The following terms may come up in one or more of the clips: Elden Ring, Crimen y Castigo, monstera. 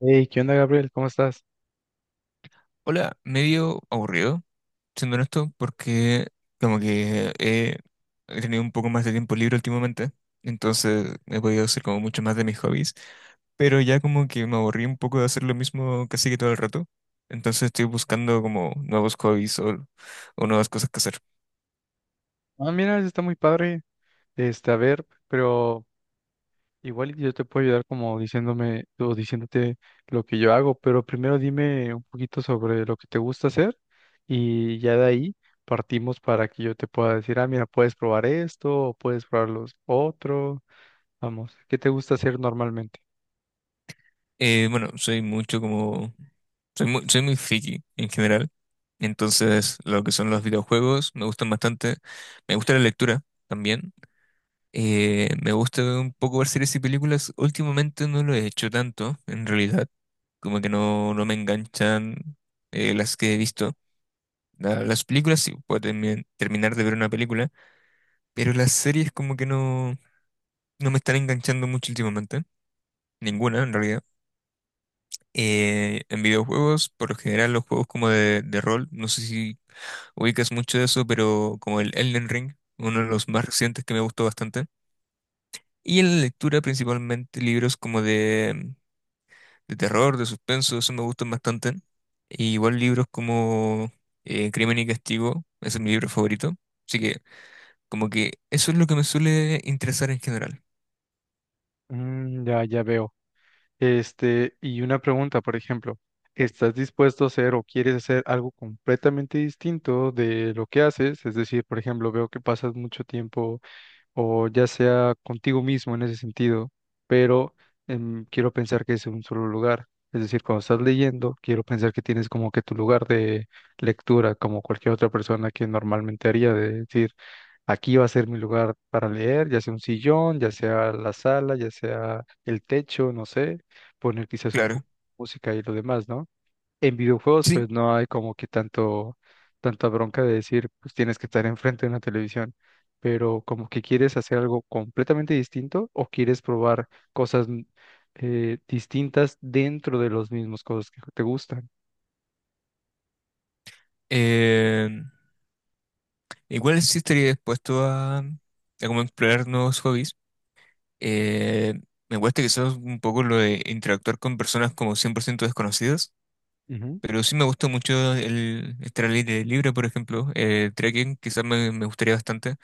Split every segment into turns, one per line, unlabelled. Hey, ¿qué onda, Gabriel? ¿Cómo estás?
Hola, medio aburrido, siendo honesto, porque como que he tenido un poco más de tiempo libre últimamente, entonces he podido hacer como mucho más de mis hobbies, pero ya como que me aburrí un poco de hacer lo mismo casi que todo el rato, entonces estoy buscando como nuevos hobbies o nuevas cosas que hacer.
Ah, mira, eso está muy padre. Este, a ver, pero igual y yo te puedo ayudar como diciéndome o diciéndote lo que yo hago, pero primero dime un poquito sobre lo que te gusta hacer y ya de ahí partimos para que yo te pueda decir, ah, mira, puedes probar esto o puedes probar los otros. Vamos, ¿qué te gusta hacer normalmente?
Bueno, soy mucho como, soy muy friki en general, entonces lo que son los videojuegos me gustan bastante, me gusta la lectura también. Me gusta un poco ver series y películas. Últimamente no lo he hecho tanto, en realidad. Como que no, no me enganchan las que he visto. Las películas sí puedo terminar de ver una película, pero las series como que no, no me están enganchando mucho últimamente. Ninguna, en realidad. En videojuegos, por lo general, los juegos como de rol, no sé si ubicas mucho de eso, pero como el Elden Ring, uno de los más recientes que me gustó bastante. Y en la lectura principalmente libros como de terror, de suspenso, eso me gustan bastante. Y igual libros como Crimen y Castigo, ese es mi libro favorito. Así que como que eso es lo que me suele interesar en general.
Mm, ya, ya veo. Este, y una pregunta, por ejemplo, ¿estás dispuesto a hacer o quieres hacer algo completamente distinto de lo que haces? Es decir, por ejemplo, veo que pasas mucho tiempo o ya sea contigo mismo en ese sentido, pero quiero pensar que es un solo lugar. Es decir, cuando estás leyendo, quiero pensar que tienes como que tu lugar de lectura, como cualquier otra persona que normalmente haría, de decir, aquí va a ser mi lugar para leer, ya sea un sillón, ya sea la sala, ya sea el techo, no sé, poner quizás un poco
Claro.
de música y lo demás, ¿no? En videojuegos,
Sí.
pues no hay como que tanto, tanta bronca de decir, pues tienes que estar enfrente de una televisión, pero como que quieres hacer algo completamente distinto o quieres probar cosas distintas dentro de los mismos cosas que te gustan.
eh, Igual sí estaría dispuesto a como explorar nuevos hobbies. Eh, Me cuesta quizás un poco lo de interactuar con personas como 100% desconocidas,
Ujú.
pero sí me gusta mucho el estar al aire libre, por ejemplo. Trekking quizás me gustaría bastante.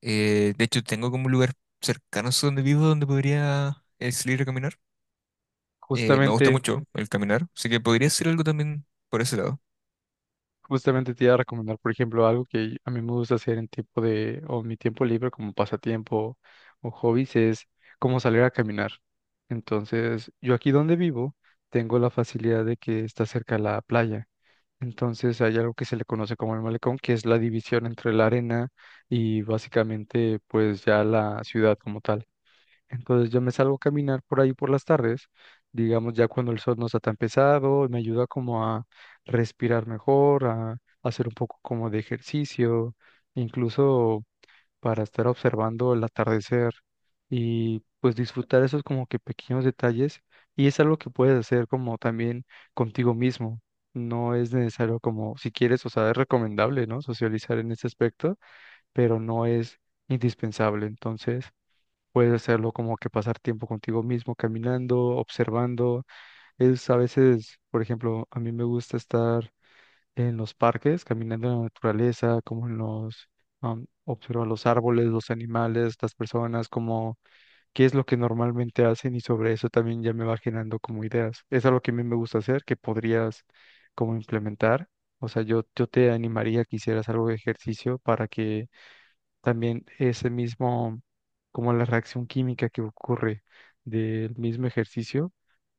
De hecho, tengo como un lugar cercano a donde vivo donde podría salir a caminar. Me gusta
Justamente
mucho el caminar, así que podría hacer algo también por ese lado.
Justamente te iba a recomendar, por ejemplo, algo que a mí me gusta hacer en tiempo de, o en mi tiempo libre como pasatiempo o hobbies es como salir a caminar. Entonces, yo aquí donde vivo tengo la facilidad de que está cerca la playa. Entonces, hay algo que se le conoce como el malecón, que es la división entre la arena y básicamente pues ya la ciudad como tal. Entonces yo me salgo a caminar por ahí por las tardes, digamos ya cuando el sol no está tan pesado, me ayuda como a respirar mejor, a hacer un poco como de ejercicio, incluso para estar observando el atardecer y pues disfrutar esos como que pequeños detalles y es algo que puedes hacer como también contigo mismo. No es necesario como, si quieres, o sea, es recomendable, ¿no? Socializar en ese aspecto, pero no es indispensable. Entonces, puedes hacerlo como que pasar tiempo contigo mismo, caminando, observando. Es a veces, por ejemplo, a mí me gusta estar en los parques, caminando en la naturaleza, como en los, observar los árboles, los animales, las personas, como qué es lo que normalmente hacen y sobre eso también ya me va generando como ideas. Es algo que a mí me gusta hacer, que podrías como implementar. O sea, yo te animaría que hicieras algo de ejercicio para que también ese mismo, como la reacción química que ocurre del mismo ejercicio,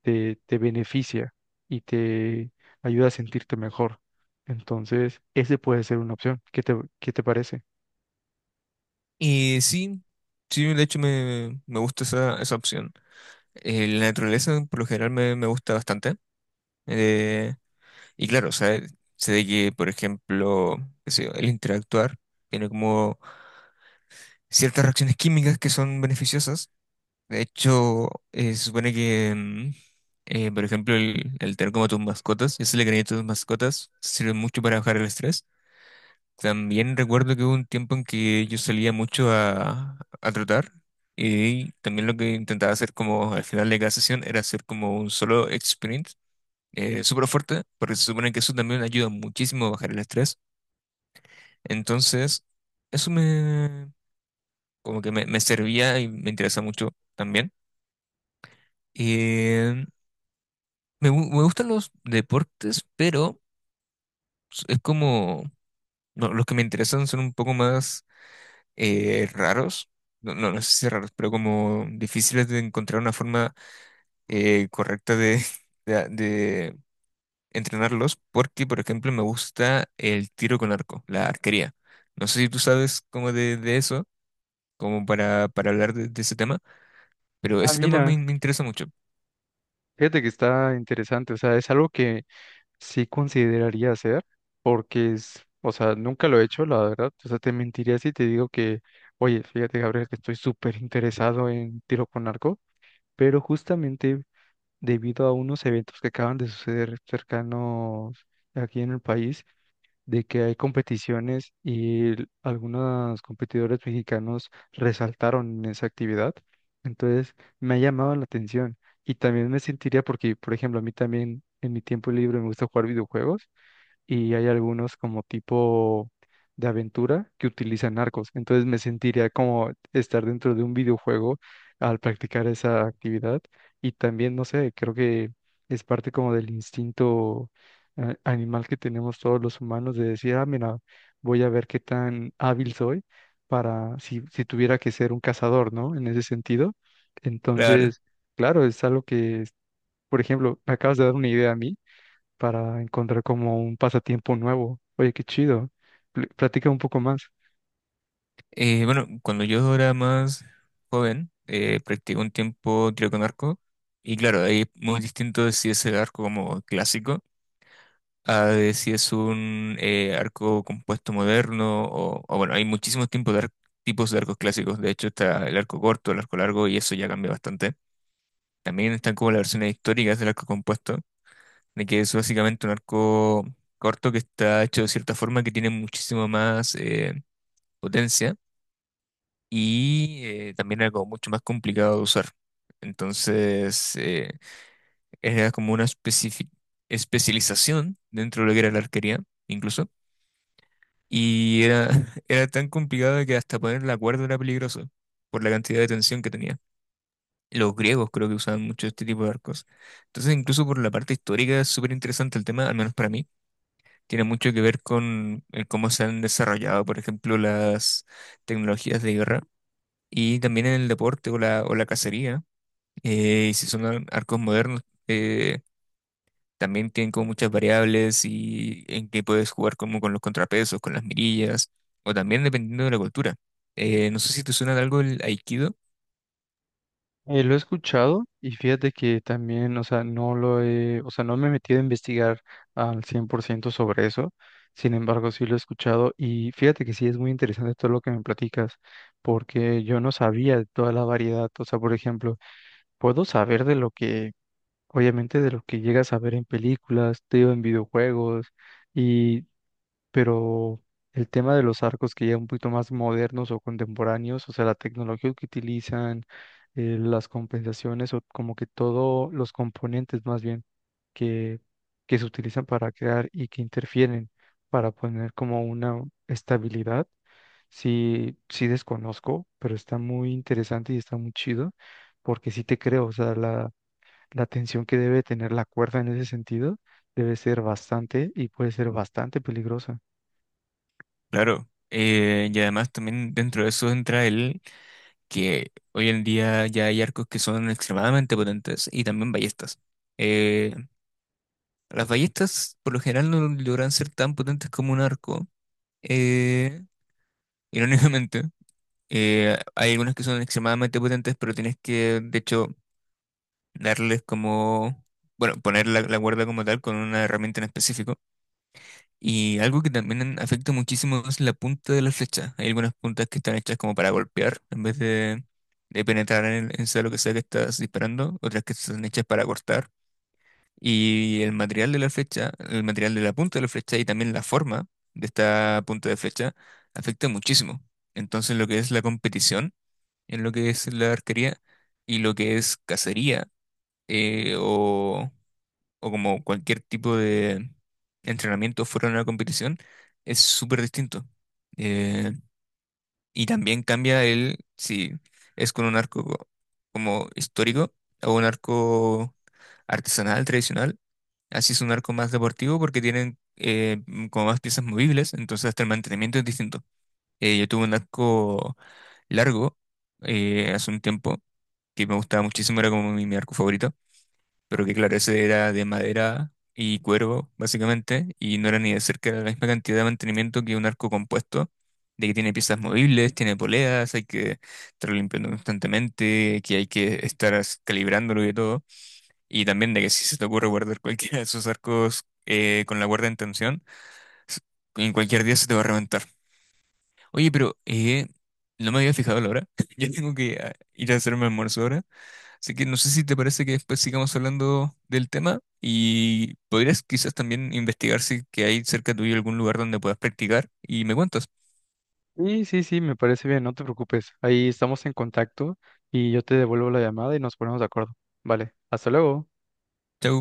te beneficia y te ayuda a sentirte mejor. Entonces, ese puede ser una opción. Qué te parece?
Y sí, sí, de hecho me gusta esa, esa opción. La naturaleza por lo general me gusta bastante. Eh, y claro, o sea, sé de que, por ejemplo, qué sé yo, el interactuar tiene como ciertas reacciones químicas que son beneficiosas. De hecho, se supone que, mm, por ejemplo, el tener como tus mascotas, ese le cariño a tus mascotas, sirve mucho para bajar el estrés. También recuerdo que hubo un tiempo en que yo salía mucho a trotar y también lo que intentaba hacer como al final de cada sesión era hacer como un solo sprint súper fuerte, porque se supone que eso también ayuda muchísimo a bajar el estrés. Entonces, eso me como que me servía y me interesa mucho también. Me gustan los deportes, pero es como, no, los que me interesan son un poco más raros, no, no sé si raros, pero como difíciles de encontrar una forma correcta de, de entrenarlos, porque por ejemplo me gusta el tiro con arco, la arquería. No sé si tú sabes como de eso, como para hablar de ese tema, pero
Ah,
ese tema
mira,
me interesa mucho.
fíjate que está interesante. O sea, es algo que sí consideraría hacer porque es, o sea, nunca lo he hecho, la verdad. O sea, te mentiría si te digo que, oye, fíjate, Gabriel, que estoy súper interesado en tiro con arco, pero justamente debido a unos eventos que acaban de suceder cercanos aquí en el país, de que hay competiciones y l- algunos competidores mexicanos resaltaron en esa actividad. Entonces, me ha llamado la atención y también me sentiría porque, por ejemplo, a mí también en mi tiempo libre me gusta jugar videojuegos y hay algunos como tipo de aventura que utilizan arcos. Entonces me sentiría como estar dentro de un videojuego al practicar esa actividad. Y también, no sé, creo que es parte como del instinto animal que tenemos todos los humanos de decir, ah, mira, voy a ver qué tan hábil soy para si, si tuviera que ser un cazador, ¿no? En ese sentido.
Claro.
Entonces, claro, es algo que, por ejemplo, me acabas de dar una idea a mí para encontrar como un pasatiempo nuevo. Oye, qué chido. Pl- Platica un poco más.
Bueno, cuando yo era más joven, practiqué un tiempo tiro con arco. Y claro, ahí es muy distinto de si es el arco como clásico a de si es un arco compuesto moderno. O bueno, hay muchísimos tipos de, tipos de arcos clásicos. De hecho, está el arco corto, el arco largo, y eso ya cambia bastante. También están como las versiones históricas del arco compuesto, de que es básicamente un arco corto que está hecho de cierta forma que tiene muchísimo más potencia y también era como mucho más complicado de usar. Entonces, era como una especialización dentro de lo que era la arquería, incluso. Y era, era tan complicado que hasta poner la cuerda era peligroso por la cantidad de tensión que tenía. Los griegos creo que usaban mucho este tipo de arcos. Entonces, incluso por la parte histórica es súper interesante el tema, al menos para mí. Tiene mucho que ver con el cómo se han desarrollado, por ejemplo, las tecnologías de guerra y también en el deporte o o la cacería. Y si son arcos modernos, eh, también tienen como muchas variables y en que puedes jugar como con los contrapesos, con las mirillas, o también dependiendo de la cultura. No sé si te suena de algo el aikido,
Lo he escuchado y fíjate que también, o sea, no lo he, o sea, no me he metido a investigar al 100% sobre eso. Sin embargo, sí lo he escuchado y fíjate que sí es muy interesante todo lo que me platicas, porque yo no sabía de toda la variedad. O sea, por ejemplo, puedo saber de lo que, obviamente, de lo que llegas a ver en películas, te digo, en videojuegos, pero el tema de los arcos que ya un poquito más modernos o contemporáneos, o sea, la tecnología que utilizan, las compensaciones o como que todos los componentes más bien que, que se utilizan para crear y que interfieren para poner como una estabilidad. Sí, sí desconozco, pero está muy interesante y está muy chido, porque sí te creo, o sea, la tensión que debe tener la cuerda en ese sentido debe ser bastante y puede ser bastante peligrosa.
claro. Y además también dentro de eso entra el que hoy en día ya hay arcos que son extremadamente potentes y también ballestas. Eh, las ballestas por lo general no logran ser tan potentes como un arco, eh, irónicamente. Hay algunos que son extremadamente potentes, pero tienes que, de hecho, darles como, bueno, poner la cuerda como tal con una herramienta en específico. Y algo que también afecta muchísimo es la punta de la flecha. Hay algunas puntas que están hechas como para golpear en vez de penetrar en, en sea lo que sea que estás disparando, otras que están hechas para cortar. Y el material de la flecha, el material de la punta de la flecha y también la forma de esta punta de flecha afecta muchísimo. Entonces, lo que es la competición en lo que es la arquería y lo que es cacería eh, o, o como cualquier tipo de entrenamiento fuera de una competición es súper distinto. Eh, y también cambia el si es con un arco como histórico o un arco artesanal, tradicional. Así es un arco más deportivo porque tienen como más piezas movibles, entonces hasta el mantenimiento es distinto. Yo tuve un arco largo hace un tiempo que me gustaba muchísimo, era como mi arco favorito, pero que claro, ese era de madera y cuervo, básicamente, y no era ni de cerca la misma cantidad de mantenimiento que un arco compuesto, de que tiene piezas movibles, tiene poleas, hay que estar limpiando constantemente, que hay que estar calibrándolo y de todo, y también de que si se te ocurre guardar cualquiera de esos arcos con la guarda en tensión, s- en cualquier día se te va a reventar. Oye, pero no me había fijado la hora. Yo tengo que ir a hacerme almuerzo ahora. Así que no sé si te parece que después sigamos hablando del tema y podrías quizás también investigar si que hay cerca tuyo algún lugar donde puedas practicar y me cuentas.
Sí, sí, sí, me parece bien, no te preocupes. Ahí estamos en contacto y yo te devuelvo la llamada y nos ponemos de acuerdo. Vale, hasta luego.
Chau.